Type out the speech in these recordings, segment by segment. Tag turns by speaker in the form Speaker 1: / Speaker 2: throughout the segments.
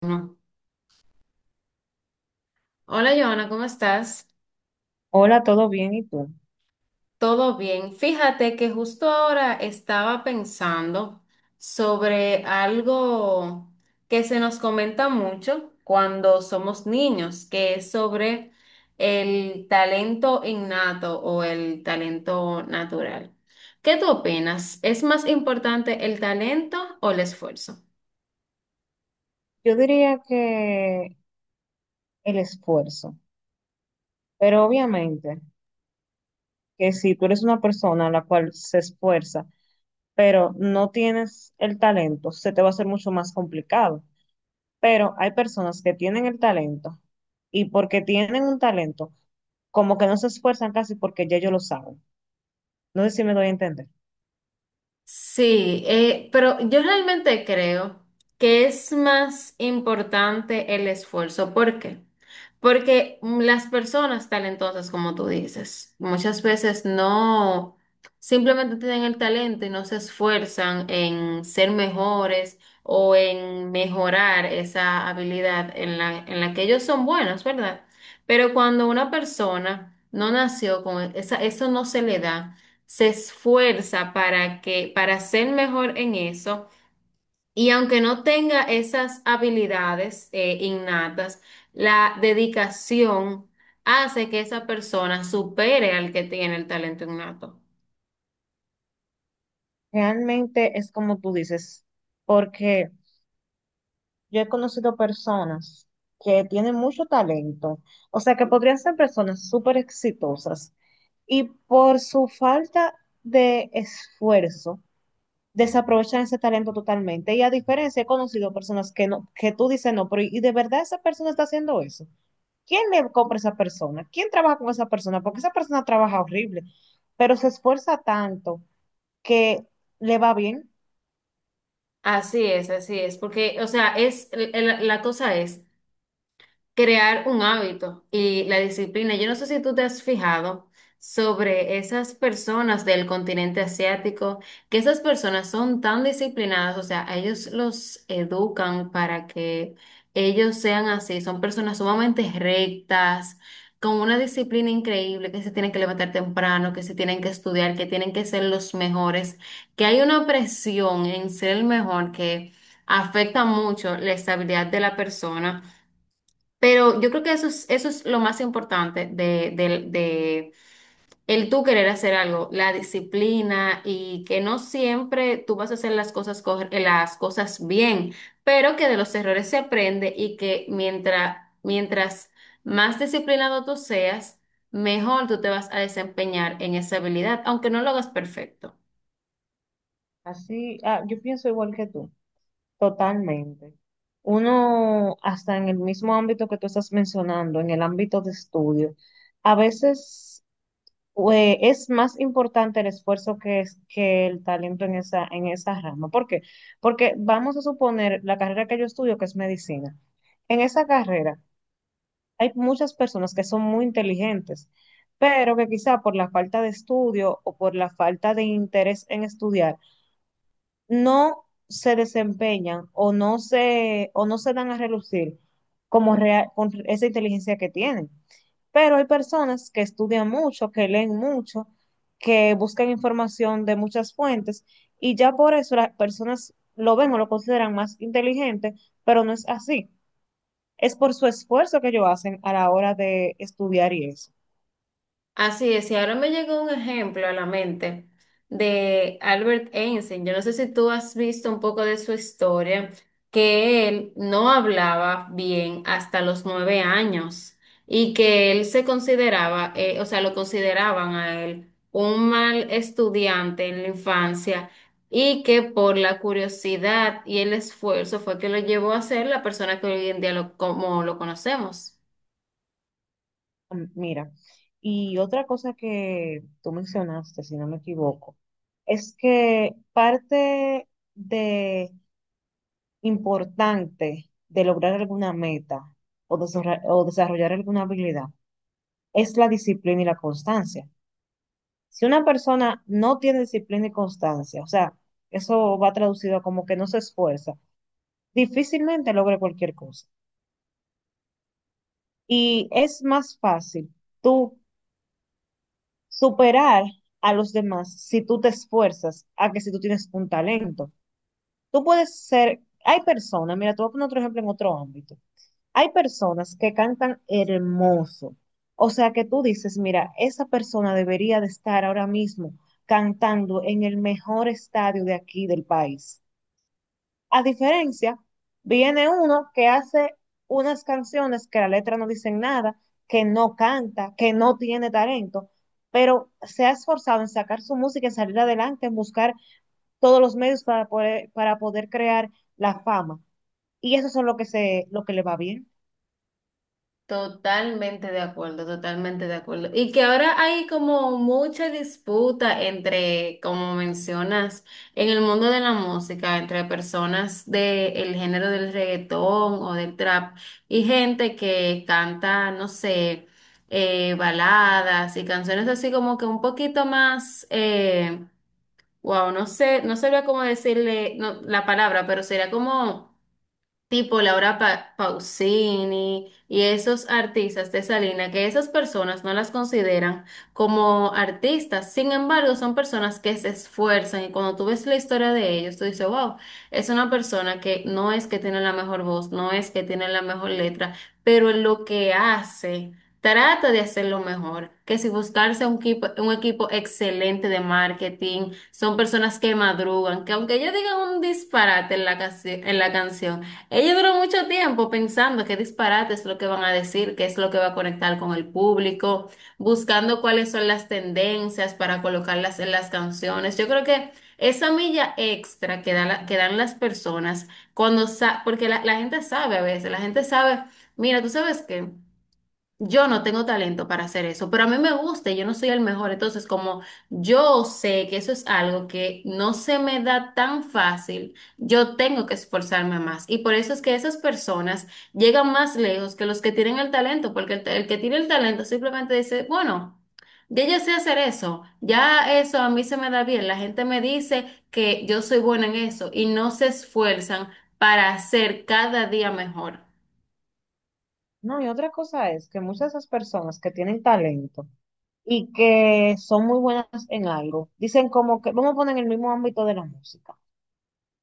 Speaker 1: Bueno, hola, Joana, ¿cómo estás?
Speaker 2: Hola, ¿todo bien? ¿Y tú?
Speaker 1: ¿Todo bien? Fíjate que justo ahora estaba pensando sobre algo que se nos comenta mucho cuando somos niños, que es sobre el talento innato o el talento natural. ¿Qué tú opinas? ¿Es más importante el talento o el esfuerzo?
Speaker 2: Yo diría que el esfuerzo, pero obviamente que si tú eres una persona a la cual se esfuerza, pero no tienes el talento, se te va a hacer mucho más complicado. Pero hay personas que tienen el talento y porque tienen un talento, como que no se esfuerzan casi porque ya ellos lo saben. No sé si me doy a entender.
Speaker 1: Sí, pero yo realmente creo que es más importante el esfuerzo. ¿Por qué? Porque las personas talentosas, como tú dices, muchas veces no, simplemente tienen el talento y no se esfuerzan en ser mejores o en mejorar esa habilidad en la que ellos son buenos, ¿verdad? Pero cuando una persona no nació con esa, eso no se le da, se esfuerza para que, para ser mejor en eso, y aunque no tenga esas habilidades innatas, la dedicación hace que esa persona supere al que tiene el talento innato.
Speaker 2: Realmente es como tú dices, porque... Yo he conocido personas que tienen mucho talento, o sea, que podrían ser personas súper exitosas y por su falta de esfuerzo desaprovechan ese talento totalmente. Y a diferencia, he conocido personas que no, que tú dices no, pero ¿y de verdad esa persona está haciendo eso? ¿Quién le compra a esa persona? ¿Quién trabaja con esa persona? Porque esa persona trabaja horrible, pero se esfuerza tanto que le va bien.
Speaker 1: Así es, porque, o sea, es, la cosa es crear un hábito y la disciplina. Yo no sé si tú te has fijado sobre esas personas del continente asiático, que esas personas son tan disciplinadas, o sea, a ellos los educan para que ellos sean así, son personas sumamente rectas, con una disciplina increíble, que se tienen que levantar temprano, que se tienen que estudiar, que tienen que ser los mejores, que hay una presión en ser el mejor que afecta mucho la estabilidad de la persona. Pero yo creo que eso es lo más importante de, de el tú querer hacer algo, la disciplina y que no siempre tú vas a hacer las cosas, las cosas bien, pero que de los errores se aprende y que mientras, mientras más disciplinado tú seas, mejor tú te vas a desempeñar en esa habilidad, aunque no lo hagas perfecto.
Speaker 2: Así, ah, yo pienso igual que tú. Totalmente. Uno, hasta en el mismo ámbito que tú estás mencionando, en el ámbito de estudio, a veces es más importante el esfuerzo que, es, que el talento en esa rama. ¿Por qué? Porque vamos a suponer la carrera que yo estudio, que es medicina. En esa carrera hay muchas personas que son muy inteligentes, pero que quizá por la falta de estudio o por la falta de interés en estudiar, no se desempeñan o no se dan a relucir como rea- con esa inteligencia que tienen. Pero hay personas que estudian mucho, que leen mucho, que buscan información de muchas fuentes y ya por eso las personas lo ven o lo consideran más inteligente, pero no es así. Es por su esfuerzo que ellos hacen a la hora de estudiar y eso.
Speaker 1: Así es, y ahora me llegó un ejemplo a la mente de Albert Einstein. Yo no sé si tú has visto un poco de su historia, que él no hablaba bien hasta los 9 años y que él se consideraba, o sea, lo consideraban a él un mal estudiante en la infancia y que por la curiosidad y el esfuerzo fue que lo llevó a ser la persona que hoy en día lo, como lo conocemos.
Speaker 2: Mm, mira, y otra cosa que tú mencionaste, si no me equivoco, es que parte de importante de lograr alguna meta o desarra- o desarrollar alguna habilidad es la disciplina y la constancia. Si una persona no tiene disciplina y constancia, o sea, eso va traducido a como que no se esfuerza, difícilmente logra cualquier cosa. Y es más fácil tú superar a los demás si tú te esfuerzas a que si tú tienes un talento. Tú puedes ser, hay personas, mira, te voy a poner otro ejemplo en otro ámbito. Hay personas que cantan hermoso. O sea que tú dices, mira, esa persona debería de estar ahora mismo cantando en el mejor estadio de aquí del país. A diferencia, viene uno que hace unas canciones que la letra no dice nada, que no canta, que no tiene talento, pero se ha esforzado en sacar su música, en salir adelante, en buscar todos los medios para poder crear la fama. Y eso es lo que se, lo que le va bien.
Speaker 1: Totalmente de acuerdo, totalmente de acuerdo. Y que ahora hay como mucha disputa entre, como mencionas, en el mundo de la música, entre personas del género del reggaetón o del trap y gente que canta, no sé, baladas y canciones así como que un poquito más, wow, no sé, no sabría cómo decirle no, la palabra, pero sería como tipo Laura Pausini y esos artistas de esa línea, que esas personas no las consideran como artistas, sin embargo, son personas que se esfuerzan y cuando tú ves la historia de ellos, tú dices, wow, es una persona que no es que tiene la mejor voz, no es que tiene la mejor letra, pero en lo que hace, trata de hacerlo mejor, que si buscarse un equipo excelente de marketing, son personas que madrugan, que aunque ellos digan un disparate en la, en la canción, ella duró mucho tiempo pensando qué disparate es lo que van a decir, qué es lo que va a conectar con el público, buscando cuáles son las tendencias para colocarlas en las canciones. Yo creo que esa milla extra que, que dan las personas cuando porque la gente sabe a veces, la gente sabe, mira, tú sabes qué. Yo no tengo talento para hacer eso, pero a mí me gusta y yo no soy el mejor. Entonces, como yo sé que eso es algo que no se me da tan fácil, yo tengo que esforzarme más. Y por eso es que esas personas llegan más lejos que los que tienen el talento, porque el que tiene el talento simplemente dice, bueno, ya yo sé hacer eso, ya eso a mí se me da bien. La gente me dice que yo soy buena en eso y no se esfuerzan para hacer cada día mejor.
Speaker 2: No, y otra cosa es que muchas de esas personas que tienen talento y que son muy buenas en algo, dicen como que, vamos a poner en el mismo ámbito de la música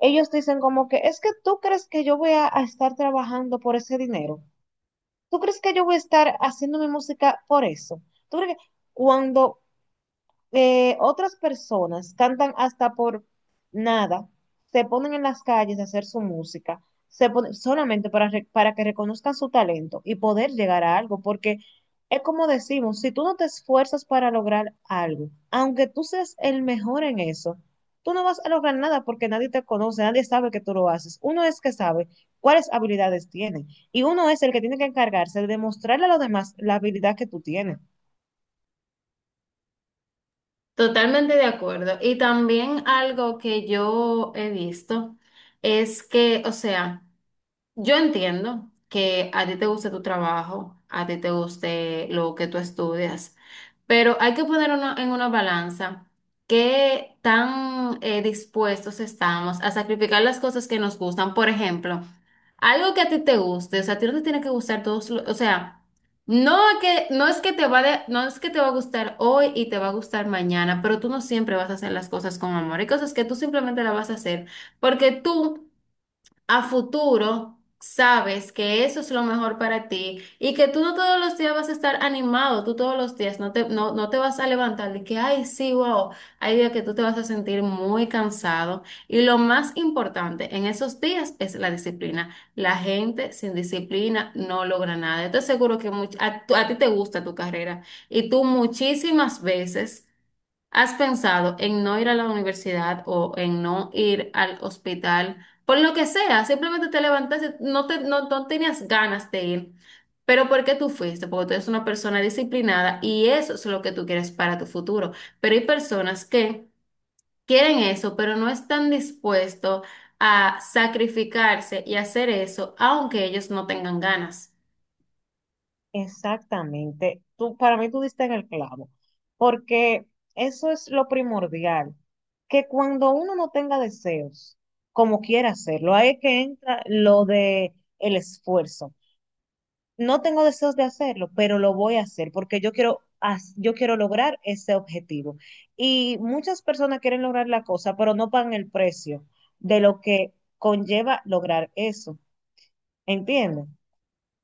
Speaker 2: ellos dicen como que, es que tú crees que yo voy a estar trabajando por ese dinero. ¿Tú crees que yo voy a estar haciendo mi música por eso? ¿Tú crees que cuando otras personas cantan hasta por nada, se ponen en las calles a hacer su música, se ponen solamente para, re- para que reconozcan su talento y poder llegar a algo, porque es como decimos, si tú no te esfuerzas para lograr algo, aunque tú seas el mejor en eso, tú no vas a lograr nada porque nadie te conoce, nadie sabe que tú lo haces. Uno es que sabe cuáles habilidades tiene y uno es el que tiene que encargarse de demostrarle a los demás la habilidad que tú tienes.
Speaker 1: Totalmente de acuerdo. Y también algo que yo he visto es que, o sea, yo entiendo que a ti te guste tu trabajo, a ti te guste lo que tú estudias. Pero hay que poner en una balanza qué tan dispuestos estamos a sacrificar las cosas que nos gustan. Por ejemplo, algo que a ti te guste, o sea, a ti no te tiene que gustar todos, o sea, no que no es que te no es que te va a gustar hoy y te va a gustar mañana, pero tú no siempre vas a hacer las cosas con amor. Hay cosas que tú simplemente las vas a hacer porque tú a futuro sabes que eso es lo mejor para ti y que tú no todos los días vas a estar animado, tú todos los días no te, no, no te vas a levantar de que, ay, sí, wow, hay días que tú te vas a sentir muy cansado y lo más importante en esos días es la disciplina. La gente sin disciplina no logra nada. Yo te aseguro que a ti te gusta tu carrera y tú muchísimas veces... ¿Has pensado en no ir a la universidad o en no ir al hospital? Por lo que sea, simplemente te levantaste, no, te, no, no tenías ganas de ir. Pero ¿por qué tú fuiste? Porque tú eres una persona disciplinada y eso es lo que tú quieres para tu futuro. Pero hay personas que quieren eso, pero no están dispuestos a sacrificarse y hacer eso, aunque ellos no tengan ganas.
Speaker 2: Exactamente. Tú, para mí tú diste en el clavo, porque eso es lo primordial, que cuando uno no tenga deseos, como quiera hacerlo, ahí es que entra lo de el esfuerzo. No tengo deseos de hacerlo, pero lo voy a hacer porque yo quiero, haz- yo quiero lograr ese objetivo. Y muchas personas quieren lograr la cosa, pero no pagan el precio de lo que conlleva lograr eso. ¿Entiendes?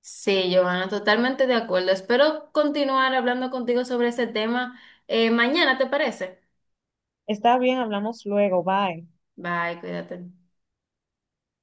Speaker 1: Sí, Giovanna, totalmente de acuerdo. Espero continuar hablando contigo sobre ese tema mañana, ¿te parece?
Speaker 2: Está bien, hablamos luego, bye.
Speaker 1: Bye, cuídate.